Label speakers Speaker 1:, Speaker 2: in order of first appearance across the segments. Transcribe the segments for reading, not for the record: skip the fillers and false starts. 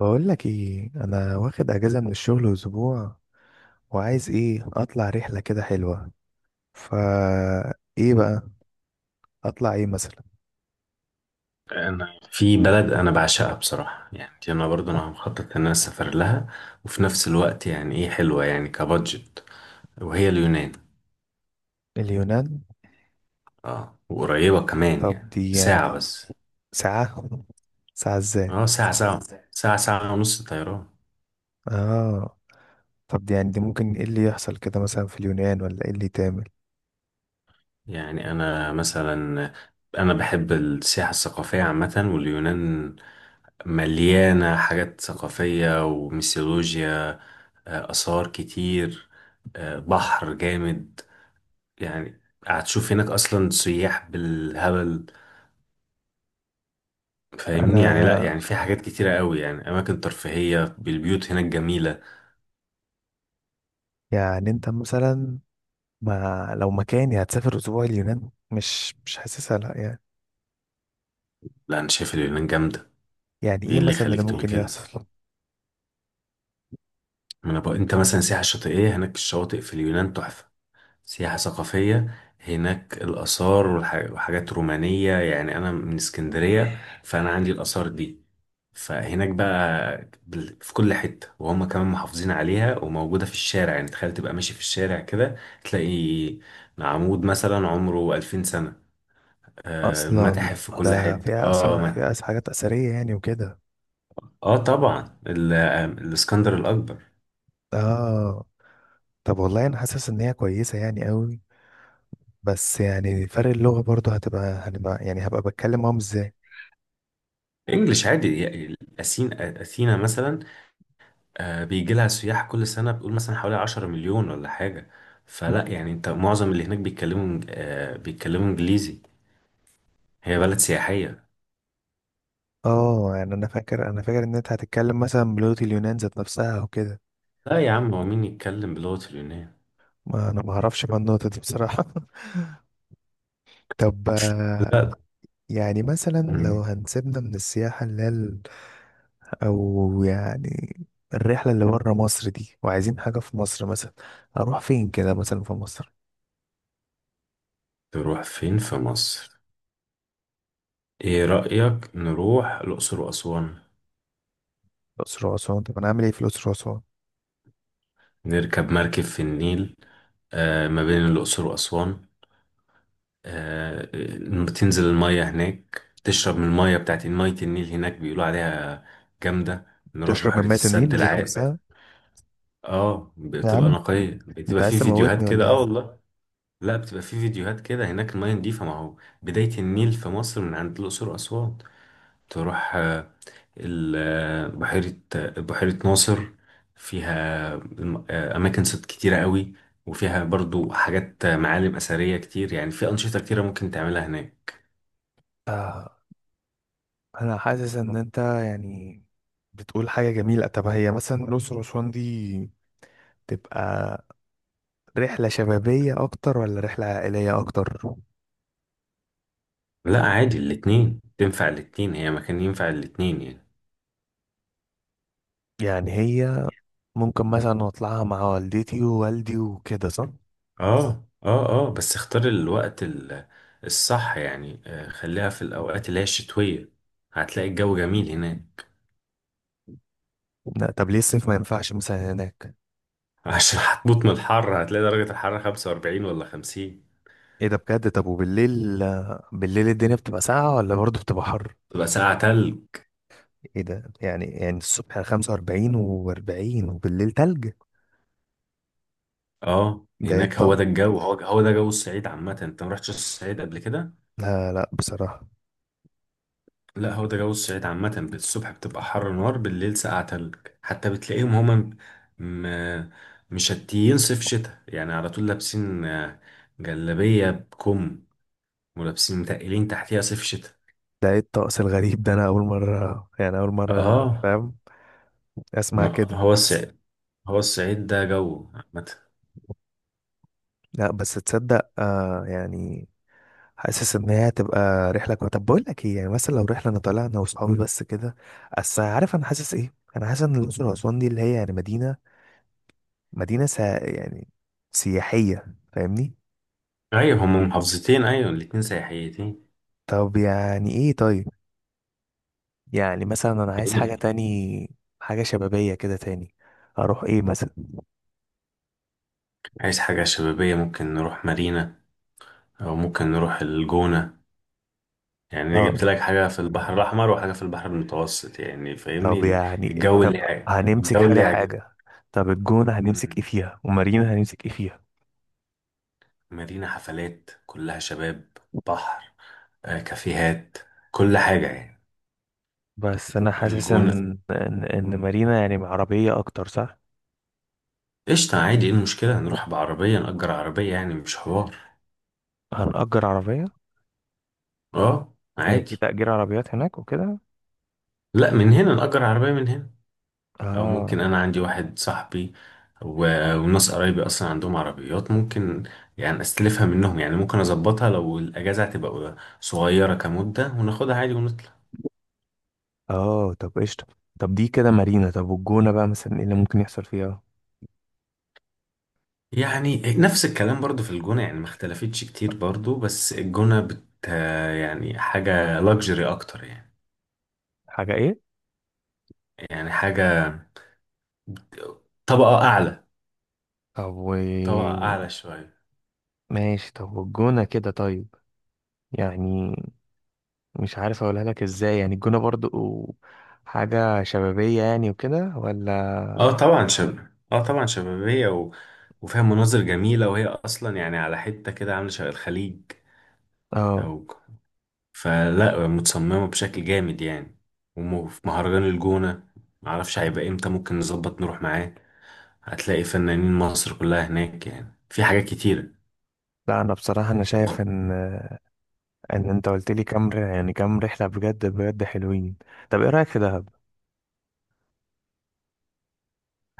Speaker 1: بقول لك ايه، انا واخد اجازه من الشغل اسبوع وعايز ايه اطلع رحله كده حلوه. فا ايه بقى اطلع ايه مثلا؟
Speaker 2: انا في بلد انا بعشقها بصراحه، يعني دي انا برضو انا مخطط ان انا اسافر لها. وفي نفس الوقت يعني ايه، حلوه يعني كبادجت، وهي اليونان.
Speaker 1: اليونان؟
Speaker 2: اه، وقريبه كمان،
Speaker 1: طب
Speaker 2: يعني
Speaker 1: دي
Speaker 2: ساعه
Speaker 1: يعني،
Speaker 2: بس.
Speaker 1: ساعه، ساعه ازاي؟
Speaker 2: اه، ساعه. ساعه ونص طيران.
Speaker 1: اه. طب دي يعني دي ممكن ايه اللي يحصل كده مثلا في اليونان، ولا ايه اللي تعمل؟
Speaker 2: يعني انا مثلا، انا بحب السياحه الثقافيه عامه، واليونان مليانه حاجات ثقافيه وميثولوجيا. اثار كتير. بحر جامد. يعني هتشوف هناك اصلا سياح بالهبل، فاهمني؟ يعني لا،
Speaker 1: انا،
Speaker 2: يعني في حاجات كتيرة قوي، يعني اماكن ترفيهية بالبيوت هناك جميلة.
Speaker 1: يعني انت مثلا، ما لو مكاني هتسافر اسبوع اليونان مش حاسسها، لا يعني.
Speaker 2: لا، انا شايف اليونان جامدة.
Speaker 1: يعني
Speaker 2: ايه
Speaker 1: ايه
Speaker 2: اللي
Speaker 1: مثلا اللي
Speaker 2: يخليك تقول
Speaker 1: ممكن
Speaker 2: كده؟
Speaker 1: يحصل؟
Speaker 2: ما انا بقى، انت مثلا سياحة شاطئية، هناك الشواطئ في اليونان تحفة. سياحة ثقافية، هناك الآثار وحاجات رومانية، يعني أنا من اسكندرية فأنا عندي الآثار دي. فهناك بقى في كل حتة، وهم كمان محافظين عليها وموجودة في الشارع، يعني تخيل تبقى ماشي في الشارع كده تلاقي عمود مثلا عمره 2000 سنة.
Speaker 1: اصلا
Speaker 2: متاحف في كل اصلا
Speaker 1: ده
Speaker 2: حتة،
Speaker 1: فيها
Speaker 2: اه
Speaker 1: اثار،
Speaker 2: كمان
Speaker 1: فيها
Speaker 2: رائع.
Speaker 1: حاجات اثريه يعني وكده.
Speaker 2: اه طبعا، الاسكندر الأكبر.
Speaker 1: اه. طب والله انا حاسس ان هي كويسه يعني قوي، بس يعني فرق اللغه برضه هتبقى هنبقى يعني هبقى بتكلم معاهم ازاي؟
Speaker 2: انجلش عادي، يعني أثين، أثينا مثلا. بيجي لها سياح كل سنة، بيقول مثلا حوالي 10 مليون ولا حاجة، فلا يعني انت معظم اللي هناك بيتكلموا إنج- آه، بيتكلموا انجليزي، هي بلد سياحية.
Speaker 1: اه. يعني انا فاكر ان انت هتتكلم مثلا بلغه اليونان ذات نفسها او كده.
Speaker 2: لا يا عم، هو مين يتكلم بلغة اليونان؟
Speaker 1: ما انا ما اعرفش بقى النقطه دي بصراحه. طب
Speaker 2: لا.
Speaker 1: يعني مثلا لو
Speaker 2: مم.
Speaker 1: هنسيبنا من السياحه اللي هي او يعني الرحله اللي بره مصر دي وعايزين حاجه في مصر مثلا. اروح فين كده مثلا في مصر؟
Speaker 2: تروح فين في مصر؟ ايه رأيك نروح الأقصر وأسوان؟
Speaker 1: الاقصر واسوان. طب انا اعمل ايه في الاقصر واسوان؟
Speaker 2: نركب مركب في النيل، ما بين الأقصر وأسوان. تنزل المية هناك، تشرب من المية بتاعت مية النيل هناك، بيقولوا عليها جامدة. نروح
Speaker 1: تشرب من
Speaker 2: بحيرة
Speaker 1: مية
Speaker 2: السد
Speaker 1: النيل ذات
Speaker 2: العالي.
Speaker 1: نفسها؟
Speaker 2: اه،
Speaker 1: يا
Speaker 2: بتبقى
Speaker 1: عم
Speaker 2: نقية،
Speaker 1: انت
Speaker 2: بتبقى
Speaker 1: عايز
Speaker 2: في
Speaker 1: تموتني
Speaker 2: فيديوهات كده،
Speaker 1: ولا
Speaker 2: اه
Speaker 1: ايه؟
Speaker 2: والله. لا، بتبقى في فيديوهات كده هناك المية نضيفة، ما هو بداية النيل في مصر من عند الأقصر وأسوان. تروح ال- بحيرة بحيرة ناصر، فيها أماكن صيد كتيرة قوي، وفيها برضو حاجات، معالم أثرية كتير، يعني في أنشطة كتيرة ممكن تعملها هناك.
Speaker 1: آه، أنا حاسس إن أنت يعني بتقول حاجة جميلة. طب هي مثلا الأقصر وأسوان دي تبقى رحلة شبابية أكتر ولا رحلة عائلية أكتر؟
Speaker 2: لا عادي، الاتنين تنفع، الاتنين هي مكان ينفع الاتنين يعني.
Speaker 1: يعني هي ممكن مثلا أطلعها مع والدتي ووالدي وكده، صح؟
Speaker 2: اه، اه، اه، بس اختار الوقت الصح، يعني خليها في الأوقات اللي هي الشتوية، هتلاقي الجو جميل هناك.
Speaker 1: لا طب ليه الصيف ما ينفعش مثلا هناك؟
Speaker 2: عشان هتموت من الحر، هتلاقي درجة الحرارة 45 ولا 50.
Speaker 1: إيه ده بجد؟ طب وبالليل الدنيا بتبقى ساقعة ولا برضه بتبقى حر؟
Speaker 2: تبقى ساعة تلج.
Speaker 1: إيه ده؟ يعني الصبح 45 و40 وبالليل تلج!
Speaker 2: اه،
Speaker 1: ده إيه
Speaker 2: هناك هو
Speaker 1: الطقم؟
Speaker 2: ده الجو، هو ده جو الصعيد عامة، انت ما رحتش الصعيد قبل كده.
Speaker 1: لا لا بصراحة.
Speaker 2: لا، هو ده جو الصعيد عامة، بالصبح بتبقى حر نار، بالليل ساقعة تلج. حتى بتلاقيهم هما م... مشتيين صيف شتاء، يعني على طول لابسين جلابية بكم، ولابسين متقلين تحتيها صيف شتاء.
Speaker 1: ده ايه الطقس الغريب ده؟ انا اول مرة، يعني اول مرة
Speaker 2: اه،
Speaker 1: فاهم، اسمع
Speaker 2: ما
Speaker 1: كده.
Speaker 2: هو الصعيد، هو الصعيد ده جو عامة.
Speaker 1: لا بس تصدق، آه يعني حاسس ان هي هتبقى رحلة كويسة. طب بقول لك ايه، يعني مثلا لو رحلة انا طالع انا واصحابي بس كده. اصل عارف انا حاسس ايه، انا حاسس ان الاقصر واسوان دي اللي هي يعني مدينة يعني سياحية، فاهمني.
Speaker 2: ايوه، هما محافظتين، ايوه، الاتنين سياحيتين.
Speaker 1: طب يعني ايه؟ طيب يعني مثلا انا عايز حاجة
Speaker 2: ايه؟
Speaker 1: تاني، حاجة شبابية كده تاني، اروح ايه مثلا؟
Speaker 2: عايز حاجة شبابية، ممكن نروح مارينا، او ممكن نروح الجونة. يعني أنا
Speaker 1: اه.
Speaker 2: جبت لك حاجة في البحر الأحمر، وحاجة في البحر المتوسط، يعني فاهمني
Speaker 1: طب يعني
Speaker 2: الجو اللي
Speaker 1: طب
Speaker 2: يع-
Speaker 1: هنمسك
Speaker 2: الجو اللي
Speaker 1: حاجة
Speaker 2: يعجبك.
Speaker 1: حاجة. طب الجونة هنمسك ايه
Speaker 2: مم.
Speaker 1: فيها ومارينا هنمسك ايه فيها؟
Speaker 2: مدينة حفلات، كلها شباب، بحر، كافيهات، كل حاجة يعني.
Speaker 1: بس انا حاسس
Speaker 2: الجونة
Speaker 1: إن مارينا يعني مع عربية اكتر، صح؟
Speaker 2: قشطة، عادي، ايه المشكلة؟ نروح بعربية، نأجر عربية، يعني مش حوار.
Speaker 1: هنأجر عربية؟
Speaker 2: اه
Speaker 1: هي
Speaker 2: عادي.
Speaker 1: في تأجير عربيات هناك وكده؟
Speaker 2: لا، من هنا نأجر عربية من هنا، او ممكن
Speaker 1: اه،
Speaker 2: انا عندي واحد صاحبي وناس قرايبي اصلا عندهم عربيات، ممكن يعني استلفها منهم، يعني ممكن اظبطها لو الاجازه هتبقى صغيره كمده، وناخدها عادي ونطلع.
Speaker 1: اه. طب قشطة. طب دي كده مارينا. طب والجونة بقى مثلا ايه اللي ممكن يحصل فيها؟
Speaker 2: يعني نفس الكلام برضو في الجونه، يعني ما اختلفتش كتير برضو، بس الجونه يعني حاجه لاكجري اكتر يعني.
Speaker 1: حاجة ايه؟
Speaker 2: يعني حاجه، طبقه اعلى
Speaker 1: طب و
Speaker 2: طبقه اعلى شويه.
Speaker 1: ماشي. طب والجونة كده طيب. يعني مش عارف اقولها لك ازاي. يعني الجونة برضو حاجة شبابية يعني وكده ولا؟
Speaker 2: اه طبعا شباب. اه طبعا شبابيه و... وفيها مناظر جميله، وهي اصلا يعني على حته كده عامله شبه الخليج.
Speaker 1: اه.
Speaker 2: او، فلا متصممة بشكل جامد يعني. وفي مهرجان الجونة، معرفش هيبقى امتى ممكن نظبط نروح معاه، هتلاقي فنانين مصر كلها هناك، يعني في حاجات كتيرة.
Speaker 1: لا انا بصراحه انا شايف ان انت قلت لي كام يعني كام رحله بجد بجد حلوين. طب ايه رايك في دهب؟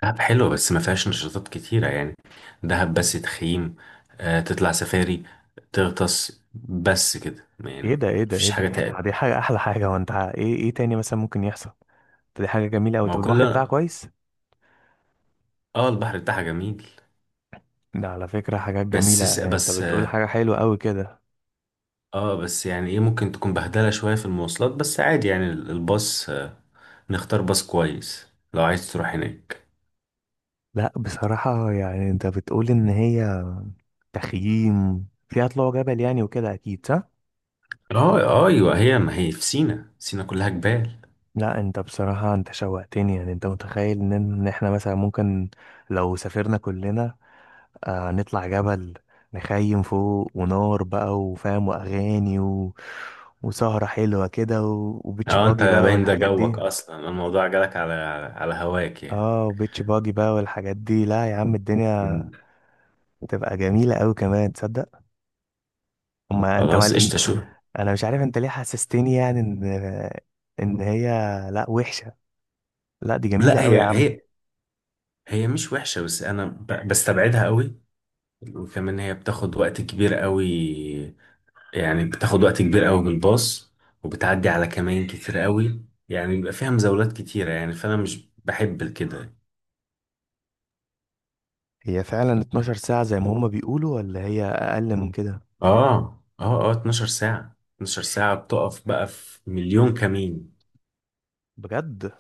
Speaker 2: دهب حلوة بس ما فيهاش نشاطات كتيرة يعني، دهب بس تخييم، آه تطلع سفاري، تغطس، بس كده يعني.
Speaker 1: ايه ده، ايه ده، ايه
Speaker 2: مفيش
Speaker 1: ده!
Speaker 2: حاجة
Speaker 1: طب ما
Speaker 2: تانية.
Speaker 1: دي حاجه، احلى حاجه. وانت ايه، ايه تاني مثلا ممكن يحصل؟ طب دي حاجه جميله قوي.
Speaker 2: ما
Speaker 1: طب
Speaker 2: هو كل.
Speaker 1: البحر بتاعها كويس؟
Speaker 2: اه، البحر بتاعها جميل.
Speaker 1: ده على فكره حاجات جميله
Speaker 2: بس س-
Speaker 1: يعني، انت
Speaker 2: بس
Speaker 1: بتقول
Speaker 2: اه
Speaker 1: حاجه حلوه قوي كده.
Speaker 2: آه، بس يعني ايه، ممكن تكون بهدلة شوية في المواصلات، بس عادي يعني الباص، نختار باص كويس لو عايز تروح هناك.
Speaker 1: لا بصراحه يعني انت بتقول ان هي تخييم فيها طلوع جبل يعني وكده، اكيد صح.
Speaker 2: ايوه، هي ما هي في سينا، سينا كلها جبال.
Speaker 1: لا انت بصراحه انت شوقتني. يعني انت متخيل إن احنا مثلا ممكن لو سافرنا كلنا، آه، نطلع جبل، نخيم فوق، ونار بقى وفاهم واغاني وسهرة حلوة كده وبيتش
Speaker 2: اه، انت
Speaker 1: باجي بقى
Speaker 2: باين ده
Speaker 1: والحاجات
Speaker 2: جوك
Speaker 1: دي.
Speaker 2: اصلا، الموضوع جالك على على هواك يعني.
Speaker 1: اه وبيتش باجي بقى والحاجات دي. لا يا عم، الدنيا
Speaker 2: مم.
Speaker 1: تبقى جميلة قوي كمان، تصدق؟ اما انت
Speaker 2: خلاص قشطة، شو.
Speaker 1: انا مش عارف انت ليه حسستني يعني ان هي لا وحشة. لا دي جميلة
Speaker 2: لا، هي
Speaker 1: قوي يا عم.
Speaker 2: هي هي مش وحشة، بس أنا بستبعدها قوي، وكمان هي بتاخد وقت كبير قوي، يعني بتاخد وقت كبير قوي بالباص، وبتعدي على كمائن كتير قوي، يعني بيبقى فيها مزاولات كتيرة يعني، فأنا مش بحب كده.
Speaker 1: هي فعلا 12 ساعة زي ما هما بيقولوا، ولا هي اقل من كده؟
Speaker 2: اه، اه، اه، 12 ساعة، 12 ساعة بتقف بقى في مليون كمين.
Speaker 1: بجد؟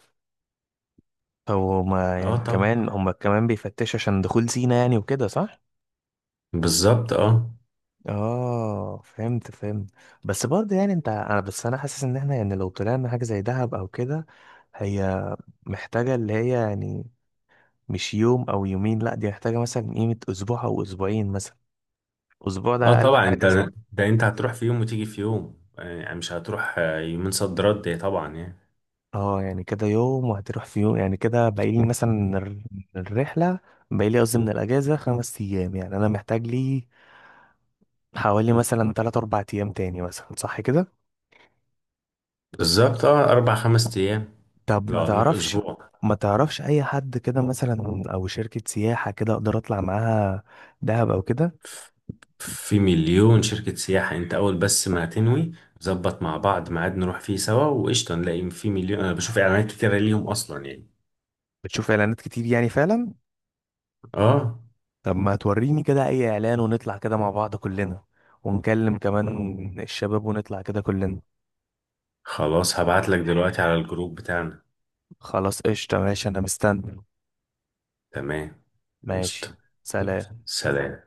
Speaker 1: هو هما
Speaker 2: اه
Speaker 1: يعني
Speaker 2: طبعا،
Speaker 1: كمان هما كمان بيفتشوا عشان دخول زينة يعني وكده، صح؟
Speaker 2: بالظبط، اه.
Speaker 1: اه فهمت فهمت. بس برضه يعني انت انا بس انا حاسس ان احنا يعني لو طلعنا حاجة زي دهب او كده. هي محتاجة اللي هي يعني مش يوم او يومين، لا دي محتاجة مثلا قيمة اسبوع او اسبوعين مثلا. اسبوع
Speaker 2: اه
Speaker 1: ده اقل
Speaker 2: طبعا
Speaker 1: حاجة،
Speaker 2: انت،
Speaker 1: صح؟
Speaker 2: ده انت هتروح في يوم وتيجي في يوم، يعني مش هتروح يومين صد رد يعني طبعا يعني.
Speaker 1: اه يعني كده يوم وهتروح في يوم. يعني كده باقيلي مثلا من الرحلة، باقيلي قصدي من الأجازة 5 أيام. يعني أنا محتاج لي حوالي مثلا تلات أربع أيام تاني مثلا، صح كده؟
Speaker 2: بالظبط، اه، اربع خمس ايام.
Speaker 1: طب
Speaker 2: لو
Speaker 1: ما
Speaker 2: هنروح
Speaker 1: تعرفش
Speaker 2: اسبوع،
Speaker 1: ما تعرفش اي حد كده مثلا او شركة سياحة كده اقدر اطلع معاها دهب او كده؟
Speaker 2: ف- في مليون شركة سياحة انت، اول بس ما هتنوي، ظبط مع بعض ميعاد نروح فيه سوا وقشطة، نلاقي في مليون. انا بشوف اعلانات كتيرة ليهم اصلا يعني.
Speaker 1: بتشوف اعلانات كتير يعني فعلا؟
Speaker 2: اه،
Speaker 1: طب ما توريني كده اي اعلان، ونطلع كده مع بعض كلنا ونكلم كمان الشباب ونطلع كده كلنا.
Speaker 2: خلاص هبعت لك دلوقتي على الجروب بتاعنا.
Speaker 1: خلاص قشطة ماشي انا مستني.
Speaker 2: تمام.
Speaker 1: ماشي.
Speaker 2: قشطة. يلا،
Speaker 1: سلام.
Speaker 2: سلام